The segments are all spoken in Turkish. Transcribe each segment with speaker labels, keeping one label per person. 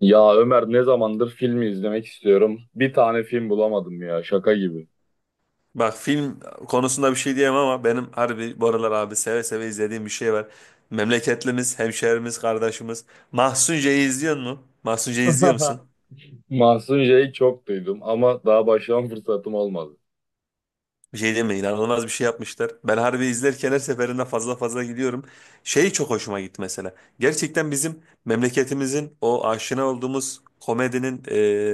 Speaker 1: Ya Ömer ne zamandır filmi izlemek istiyorum. Bir tane film bulamadım ya şaka gibi.
Speaker 2: Bak film konusunda bir şey diyemem ama benim harbi bu aralar abi seve seve izlediğim bir şey var. Memleketlimiz, hemşehrimiz, kardeşimiz. Mahsun C'yi izliyor mu? Mahsun C'yi izliyor musun?
Speaker 1: Mahsun J'yi çok duydum ama daha başlama fırsatım olmadı.
Speaker 2: Bir şey deme inanılmaz bir şey yapmışlar. Ben harbi izlerken her seferinde fazla fazla gidiyorum. Şey çok hoşuma gitti mesela. Gerçekten bizim memleketimizin o aşina olduğumuz komedinin,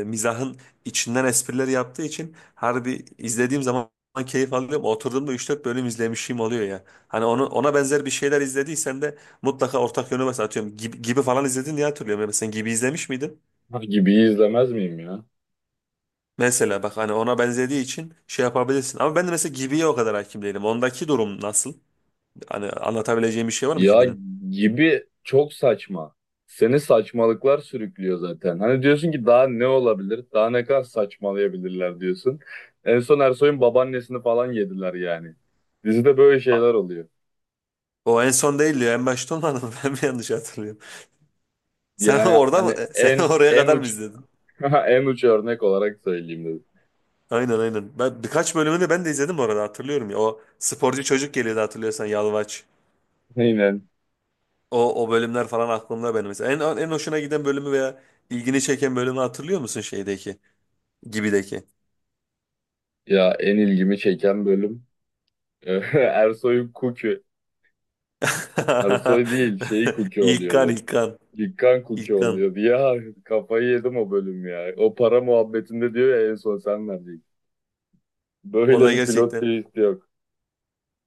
Speaker 2: mizahın içinden espriler yaptığı için harbi izlediğim zaman keyif alıyorum. Oturduğumda üç dört bölüm izlemişim oluyor ya. Hani onu, ona benzer bir şeyler izlediysen de mutlaka ortak yönü mesela atıyorum. Gibi, gibi falan izledin diye hatırlıyorum. Ya mesela gibi izlemiş miydin?
Speaker 1: Gibi izlemez miyim ya?
Speaker 2: Mesela bak hani ona benzediği için şey yapabilirsin. Ama ben de mesela Gibi'ye o kadar hakim değilim. Ondaki durum nasıl? Hani anlatabileceğim bir şey var mı
Speaker 1: Ya
Speaker 2: gibinin?
Speaker 1: gibi çok saçma. Seni saçmalıklar sürüklüyor zaten. Hani diyorsun ki daha ne olabilir? Daha ne kadar saçmalayabilirler diyorsun. En son Ersoy'un babaannesini falan yediler yani. Dizide böyle
Speaker 2: A-
Speaker 1: şeyler oluyor.
Speaker 2: O en son değil diyor. En başta olmadı mı? Ben mi yanlış hatırlıyorum? Sen
Speaker 1: Yani
Speaker 2: orada mı?
Speaker 1: hani
Speaker 2: Sen
Speaker 1: en
Speaker 2: oraya
Speaker 1: en
Speaker 2: kadar mı
Speaker 1: uç
Speaker 2: izledin?
Speaker 1: en uç örnek olarak söyleyeyim.
Speaker 2: Aynen, aynen. Ben birkaç bölümünü ben de izledim orada hatırlıyorum ya. O sporcu çocuk geliyordu hatırlıyorsan Yalvaç.
Speaker 1: Aynen.
Speaker 2: O bölümler falan aklımda benim mesela. En hoşuna giden bölümü veya ilgini çeken bölümü hatırlıyor musun şeydeki? Gibideki.
Speaker 1: Ya en ilgimi çeken bölüm Ersoy'un Kuki. Ersoy değil şeyi Kuki
Speaker 2: İlkan
Speaker 1: oluyordu.
Speaker 2: İlkan
Speaker 1: Dikkan Kuki
Speaker 2: İlkan.
Speaker 1: oluyordu. Ya kafayı yedim o bölüm ya. O para muhabbetinde diyor ya en son sen vereceksin. Böyle
Speaker 2: Orada
Speaker 1: bir pilot
Speaker 2: gerçekten
Speaker 1: twist yok.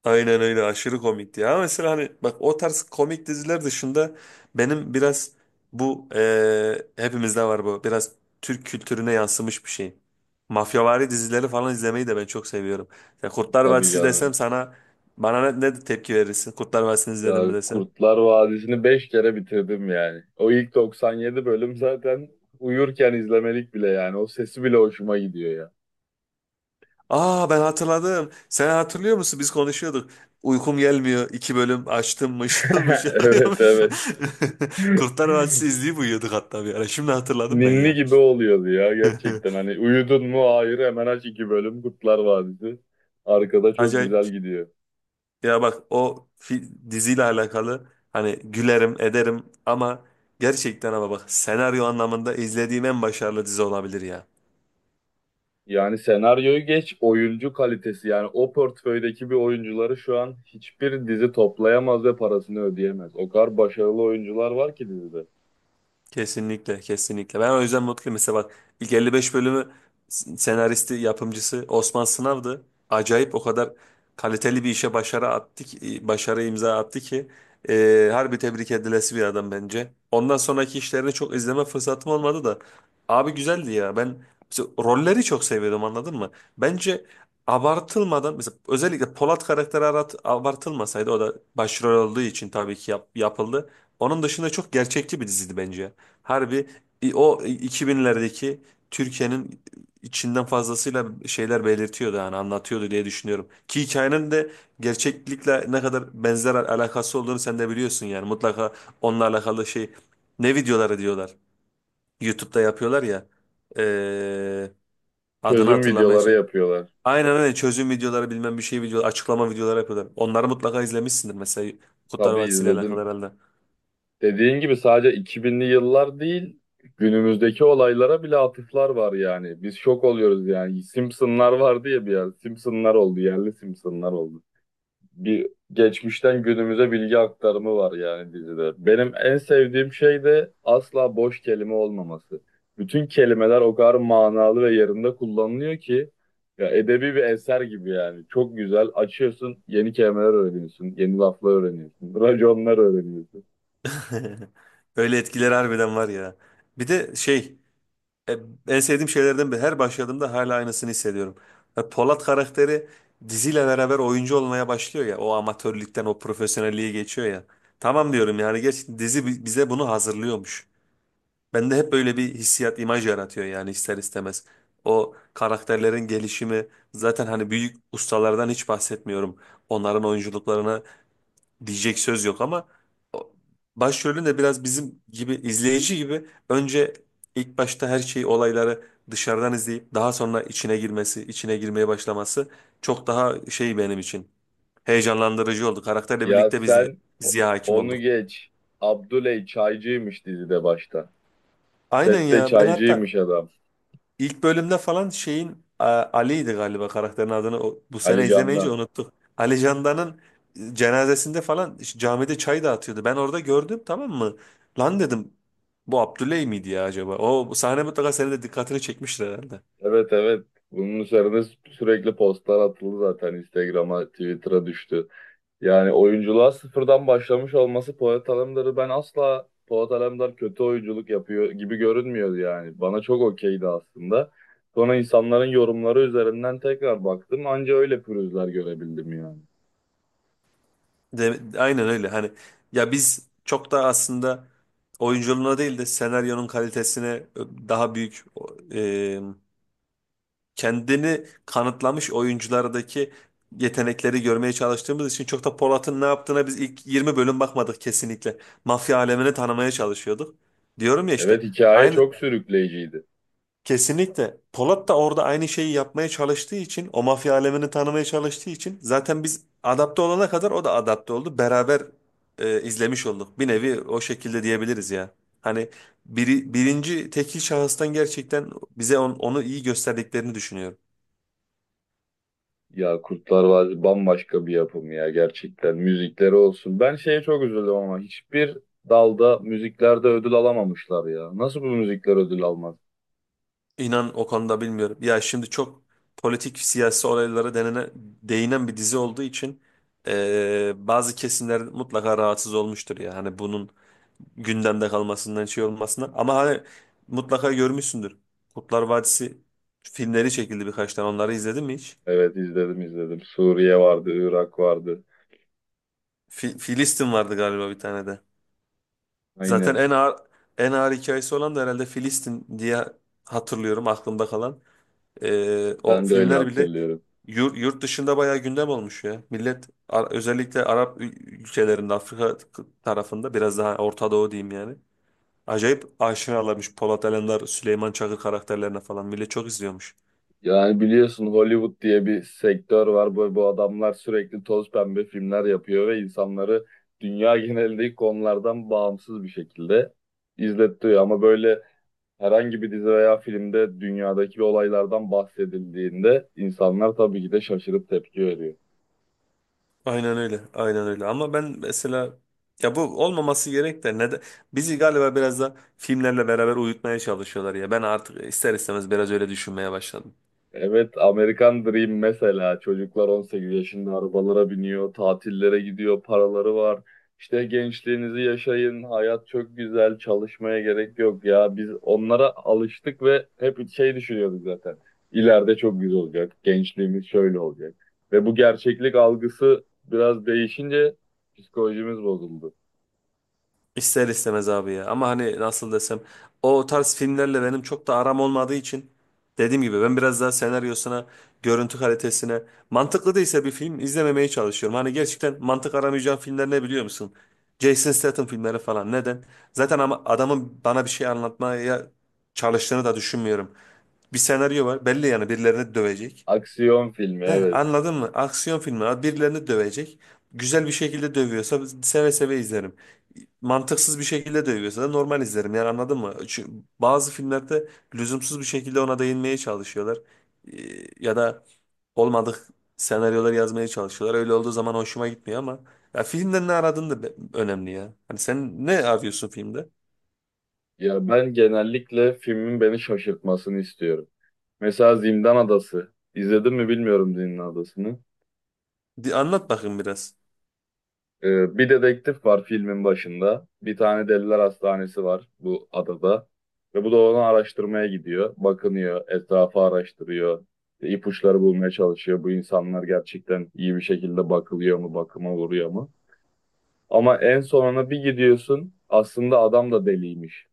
Speaker 2: aynen öyle aşırı komikti ya. Ama mesela hani bak o tarz komik diziler dışında benim biraz bu hepimizde var bu biraz Türk kültürüne yansımış bir şey. Mafyavari dizileri falan izlemeyi de ben çok seviyorum. Ya Kurtlar
Speaker 1: Tabii
Speaker 2: Vadisi desem
Speaker 1: canım.
Speaker 2: sana bana ne tepki verirsin? Kurtlar Vadisi'ni izledin
Speaker 1: Ya
Speaker 2: mi desem?
Speaker 1: Kurtlar Vadisi'ni 5 kere bitirdim yani. O ilk 97 bölüm zaten uyurken izlemelik bile yani. O sesi bile hoşuma gidiyor ya.
Speaker 2: Aa ben hatırladım. Sen hatırlıyor musun? Biz konuşuyorduk. Uykum gelmiyor. İki bölüm açtım mışıl mışıl
Speaker 1: Evet,
Speaker 2: uyumuşum.
Speaker 1: evet.
Speaker 2: Kurtlar Vadisi izleyip uyuyorduk hatta bir ara. Şimdi hatırladım ben
Speaker 1: Ninni
Speaker 2: ya.
Speaker 1: gibi oluyordu ya gerçekten. Hani uyudun mu? Hayır, hemen aç iki bölüm Kurtlar Vadisi. Arkada çok
Speaker 2: Acayip.
Speaker 1: güzel gidiyor.
Speaker 2: Ya bak o diziyle alakalı hani gülerim ederim ama gerçekten ama bak senaryo anlamında izlediğim en başarılı dizi olabilir ya.
Speaker 1: Yani senaryoyu geç, oyuncu kalitesi yani o portföydeki bir oyuncuları şu an hiçbir dizi toplayamaz ve parasını ödeyemez. O kadar başarılı oyuncular var ki dizide.
Speaker 2: Kesinlikle, kesinlikle. Ben o yüzden mutluyum. Mesela bak ilk 55 bölümü senaristi, yapımcısı Osman Sınav'dı. Acayip o kadar kaliteli bir işe başarı imza attı ki harbi tebrik edilesi bir adam bence. Ondan sonraki işlerini çok izleme fırsatım olmadı da abi güzeldi ya. Ben mesela rolleri çok seviyordum anladın mı? Bence abartılmadan mesela özellikle Polat karakteri abartılmasaydı o da başrol olduğu için tabii ki yapıldı. Onun dışında çok gerçekçi bir diziydi bence. Harbi o 2000'lerdeki Türkiye'nin içinden fazlasıyla şeyler belirtiyordu yani anlatıyordu diye düşünüyorum. Ki hikayenin de gerçeklikle ne kadar benzer alakası olduğunu sen de biliyorsun yani mutlaka onunla alakalı şey ne videoları diyorlar. YouTube'da yapıyorlar ya eee, adını
Speaker 1: Çözüm
Speaker 2: hatırlamaya
Speaker 1: videoları yapıyorlar.
Speaker 2: Aynen öyle çözüm videoları bilmem bir şey video açıklama videoları yapıyorlar. Onları mutlaka izlemişsindir mesela Kurtlar
Speaker 1: Tabii
Speaker 2: Vadisi ile alakalı
Speaker 1: izledim.
Speaker 2: herhalde.
Speaker 1: Dediğin gibi sadece 2000'li yıllar değil, günümüzdeki olaylara bile atıflar var yani. Biz şok oluyoruz yani. Simpsonlar vardı ya bir yer. Simpsonlar oldu, yerli Simpsonlar oldu. Bir geçmişten günümüze bilgi aktarımı var yani dizide. Benim en sevdiğim şey de asla boş kelime olmaması. Bütün kelimeler o kadar manalı ve yerinde kullanılıyor ki ya edebi bir eser gibi yani. Çok güzel. Açıyorsun, yeni kelimeler öğreniyorsun, yeni laflar öğreniyorsun, raconlar öğreniyorsun.
Speaker 2: Öyle etkileri harbiden var ya. Bir de şey E, en sevdiğim şeylerden biri. Her başladığımda hala aynısını hissediyorum. Ve Polat karakteri diziyle beraber oyuncu olmaya başlıyor ya. O amatörlükten o profesyonelliğe geçiyor ya. Tamam diyorum yani gerçekten dizi bize bunu hazırlıyormuş. Bende hep böyle bir hissiyat, imaj yaratıyor yani ister istemez. O karakterlerin gelişimi zaten hani büyük ustalardan hiç bahsetmiyorum. Onların oyunculuklarına diyecek söz yok ama o- başrolün de biraz bizim gibi izleyici gibi önce ilk başta her şeyi olayları dışarıdan izleyip daha sonra içine girmesi, içine girmeye başlaması çok daha şey benim için heyecanlandırıcı oldu. Karakterle
Speaker 1: Ya
Speaker 2: birlikte biz de
Speaker 1: sen o-
Speaker 2: diziye hakim
Speaker 1: Onu
Speaker 2: olduk.
Speaker 1: geç. Abdüley çaycıymış dizide başta.
Speaker 2: Aynen
Speaker 1: Sette
Speaker 2: ya ben hatta
Speaker 1: çaycıymış adam.
Speaker 2: İlk bölümde falan şeyin Ali'ydi galiba karakterin adını bu
Speaker 1: Ali
Speaker 2: sene izlemeyince
Speaker 1: Can'dan.
Speaker 2: unuttuk. Ali Candan'ın cenazesinde falan işte camide çay dağıtıyordu. Ben orada gördüm tamam mı? Lan dedim bu Abdüley miydi ya acaba? O bu sahne mutlaka senin de dikkatini çekmiştir herhalde.
Speaker 1: Evet, evet. Bunun üzerine sürekli postlar atıldı zaten. Instagram'a, Twitter'a düştü. Yani oyunculuğa sıfırdan başlamış olması Polat Alemdar'ı ben asla Polat Alemdar kötü oyunculuk yapıyor gibi görünmüyordu yani. Bana çok okeydi aslında. Sonra insanların yorumları üzerinden tekrar baktım. Anca öyle pürüzler görebildim yani.
Speaker 2: De, aynen öyle hani ya biz çok da aslında oyunculuğuna değil de senaryonun kalitesine daha büyük kendini kanıtlamış oyunculardaki yetenekleri görmeye çalıştığımız için çok da Polat'ın ne yaptığına biz ilk 20 bölüm bakmadık kesinlikle. Mafya alemini tanımaya çalışıyorduk. Diyorum ya işte
Speaker 1: Evet, hikaye
Speaker 2: aynı
Speaker 1: çok sürükleyiciydi.
Speaker 2: kesinlikle Polat da orada aynı şeyi yapmaya çalıştığı için o mafya alemini tanımaya çalıştığı için zaten biz adapte olana kadar o da adapte oldu. Beraber izlemiş olduk. Bir nevi o şekilde diyebiliriz ya. Hani birinci tekil şahıstan gerçekten bize onu iyi gösterdiklerini düşünüyorum.
Speaker 1: Ya Kurtlar Vadisi bambaşka bir yapım ya gerçekten. Müzikleri olsun. Ben şeye çok üzüldüm ama hiçbir dalda müziklerde ödül alamamışlar ya. Nasıl bu müzikler ödül almaz?
Speaker 2: İnan o konuda bilmiyorum. Ya şimdi çok politik siyasi olaylara değinen bir dizi olduğu için bazı kesimler mutlaka rahatsız olmuştur ya. Hani bunun gündemde kalmasından şey olmasına. Ama hani mutlaka görmüşsündür. Kurtlar Vadisi filmleri çekildi birkaç tane. Onları izledin mi hiç?
Speaker 1: Evet, izledim, izledim. Suriye vardı, Irak vardı.
Speaker 2: Filistin vardı galiba bir tane de. Zaten
Speaker 1: Aynen.
Speaker 2: en ağır hikayesi olan da herhalde Filistin diye hatırlıyorum aklımda kalan. O
Speaker 1: Ben de öyle
Speaker 2: filmler bile
Speaker 1: hatırlıyorum.
Speaker 2: yurt dışında bayağı gündem olmuş ya. Millet özellikle Arap ülkelerinde Afrika tarafında biraz daha Orta Doğu diyeyim yani. Acayip aşinalarmış Polat Alemdar, Süleyman Çakır karakterlerine falan. Millet çok izliyormuş.
Speaker 1: Yani biliyorsun Hollywood diye bir sektör var. Bu adamlar sürekli toz pembe filmler yapıyor ve insanları dünya genelindeki konulardan bağımsız bir şekilde izletiyor. Ama böyle herhangi bir dizi veya filmde dünyadaki olaylardan bahsedildiğinde insanlar tabii ki de şaşırıp tepki veriyor.
Speaker 2: Aynen öyle. Aynen öyle. Ama ben mesela ya bu olmaması gerek de neden bizi galiba biraz da filmlerle beraber uyutmaya çalışıyorlar ya. Ben artık ister istemez biraz öyle düşünmeye başladım.
Speaker 1: Evet, American Dream mesela çocuklar 18 yaşında arabalara biniyor, tatillere gidiyor, paraları var. İşte gençliğinizi yaşayın, hayat çok güzel, çalışmaya gerek yok ya. Biz onlara alıştık ve hep şey düşünüyorduk zaten. İleride çok güzel olacak, gençliğimiz şöyle olacak. Ve bu gerçeklik algısı biraz değişince psikolojimiz bozuldu.
Speaker 2: İster istemez abi ya. Ama hani nasıl desem o tarz filmlerle benim çok da aram olmadığı için dediğim gibi ben biraz daha senaryosuna, görüntü kalitesine mantıklı değilse bir film izlememeye çalışıyorum. Hani gerçekten mantık aramayacağım filmler ne biliyor musun? Jason Statham filmleri falan. Neden? Zaten ama adamın bana bir şey anlatmaya çalıştığını da düşünmüyorum. Bir senaryo var. Belli yani birilerini dövecek.
Speaker 1: Aksiyon filmi,
Speaker 2: Heh,
Speaker 1: evet.
Speaker 2: anladın mı? Aksiyon filmi. Birilerini dövecek. Güzel bir şekilde dövüyorsa seve seve izlerim. Mantıksız bir şekilde dövüyorsa da normal izlerim. Yani anladın mı? Çünkü bazı filmlerde lüzumsuz bir şekilde ona değinmeye çalışıyorlar. Ya da olmadık senaryolar yazmaya çalışıyorlar. Öyle olduğu zaman hoşuma gitmiyor ama ya filmden ne aradığın da önemli ya. Hani sen ne arıyorsun filmde?
Speaker 1: Ya ben genellikle filmin beni şaşırtmasını istiyorum. Mesela Zindan Adası. İzledin mi bilmiyorum Zindan Adası'nı.
Speaker 2: Anlat bakayım biraz.
Speaker 1: Bir dedektif var filmin başında. Bir tane deliler hastanesi var bu adada. Ve bu da onu araştırmaya gidiyor. Bakınıyor, etrafı araştırıyor. İşte ipuçları bulmaya çalışıyor. Bu insanlar gerçekten iyi bir şekilde bakılıyor mu, bakıma uğruyor mu? Ama en sonuna bir gidiyorsun aslında adam da deliymiş.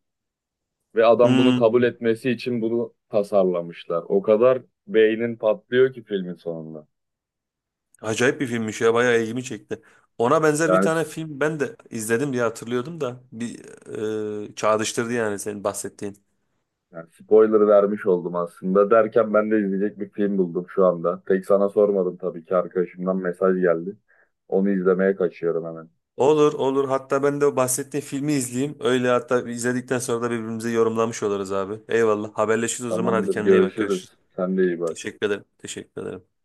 Speaker 1: Ve adam bunu kabul
Speaker 2: Hmm.
Speaker 1: etmesi için bunu tasarlamışlar. O kadar beynin patlıyor ki filmin sonunda.
Speaker 2: Acayip bir filmmiş ya bayağı ilgimi çekti. Ona benzer bir
Speaker 1: Yani,
Speaker 2: tane film ben de izledim diye hatırlıyordum da bir çağrıştırdı yani senin bahsettiğin.
Speaker 1: yani spoiler vermiş oldum aslında. Derken ben de izleyecek bir film buldum şu anda. Tek sana sormadım tabii ki arkadaşımdan mesaj geldi. Onu izlemeye kaçıyorum hemen.
Speaker 2: Olur olur hatta ben de o bahsettiğin filmi izleyeyim. Öyle hatta izledikten sonra da birbirimize yorumlamış oluruz abi. Eyvallah haberleşiriz o zaman hadi
Speaker 1: Tamamdır,
Speaker 2: kendine iyi bak
Speaker 1: görüşürüz.
Speaker 2: görüşürüz.
Speaker 1: Sen de iyi bak.
Speaker 2: Teşekkür ederim. Teşekkür ederim.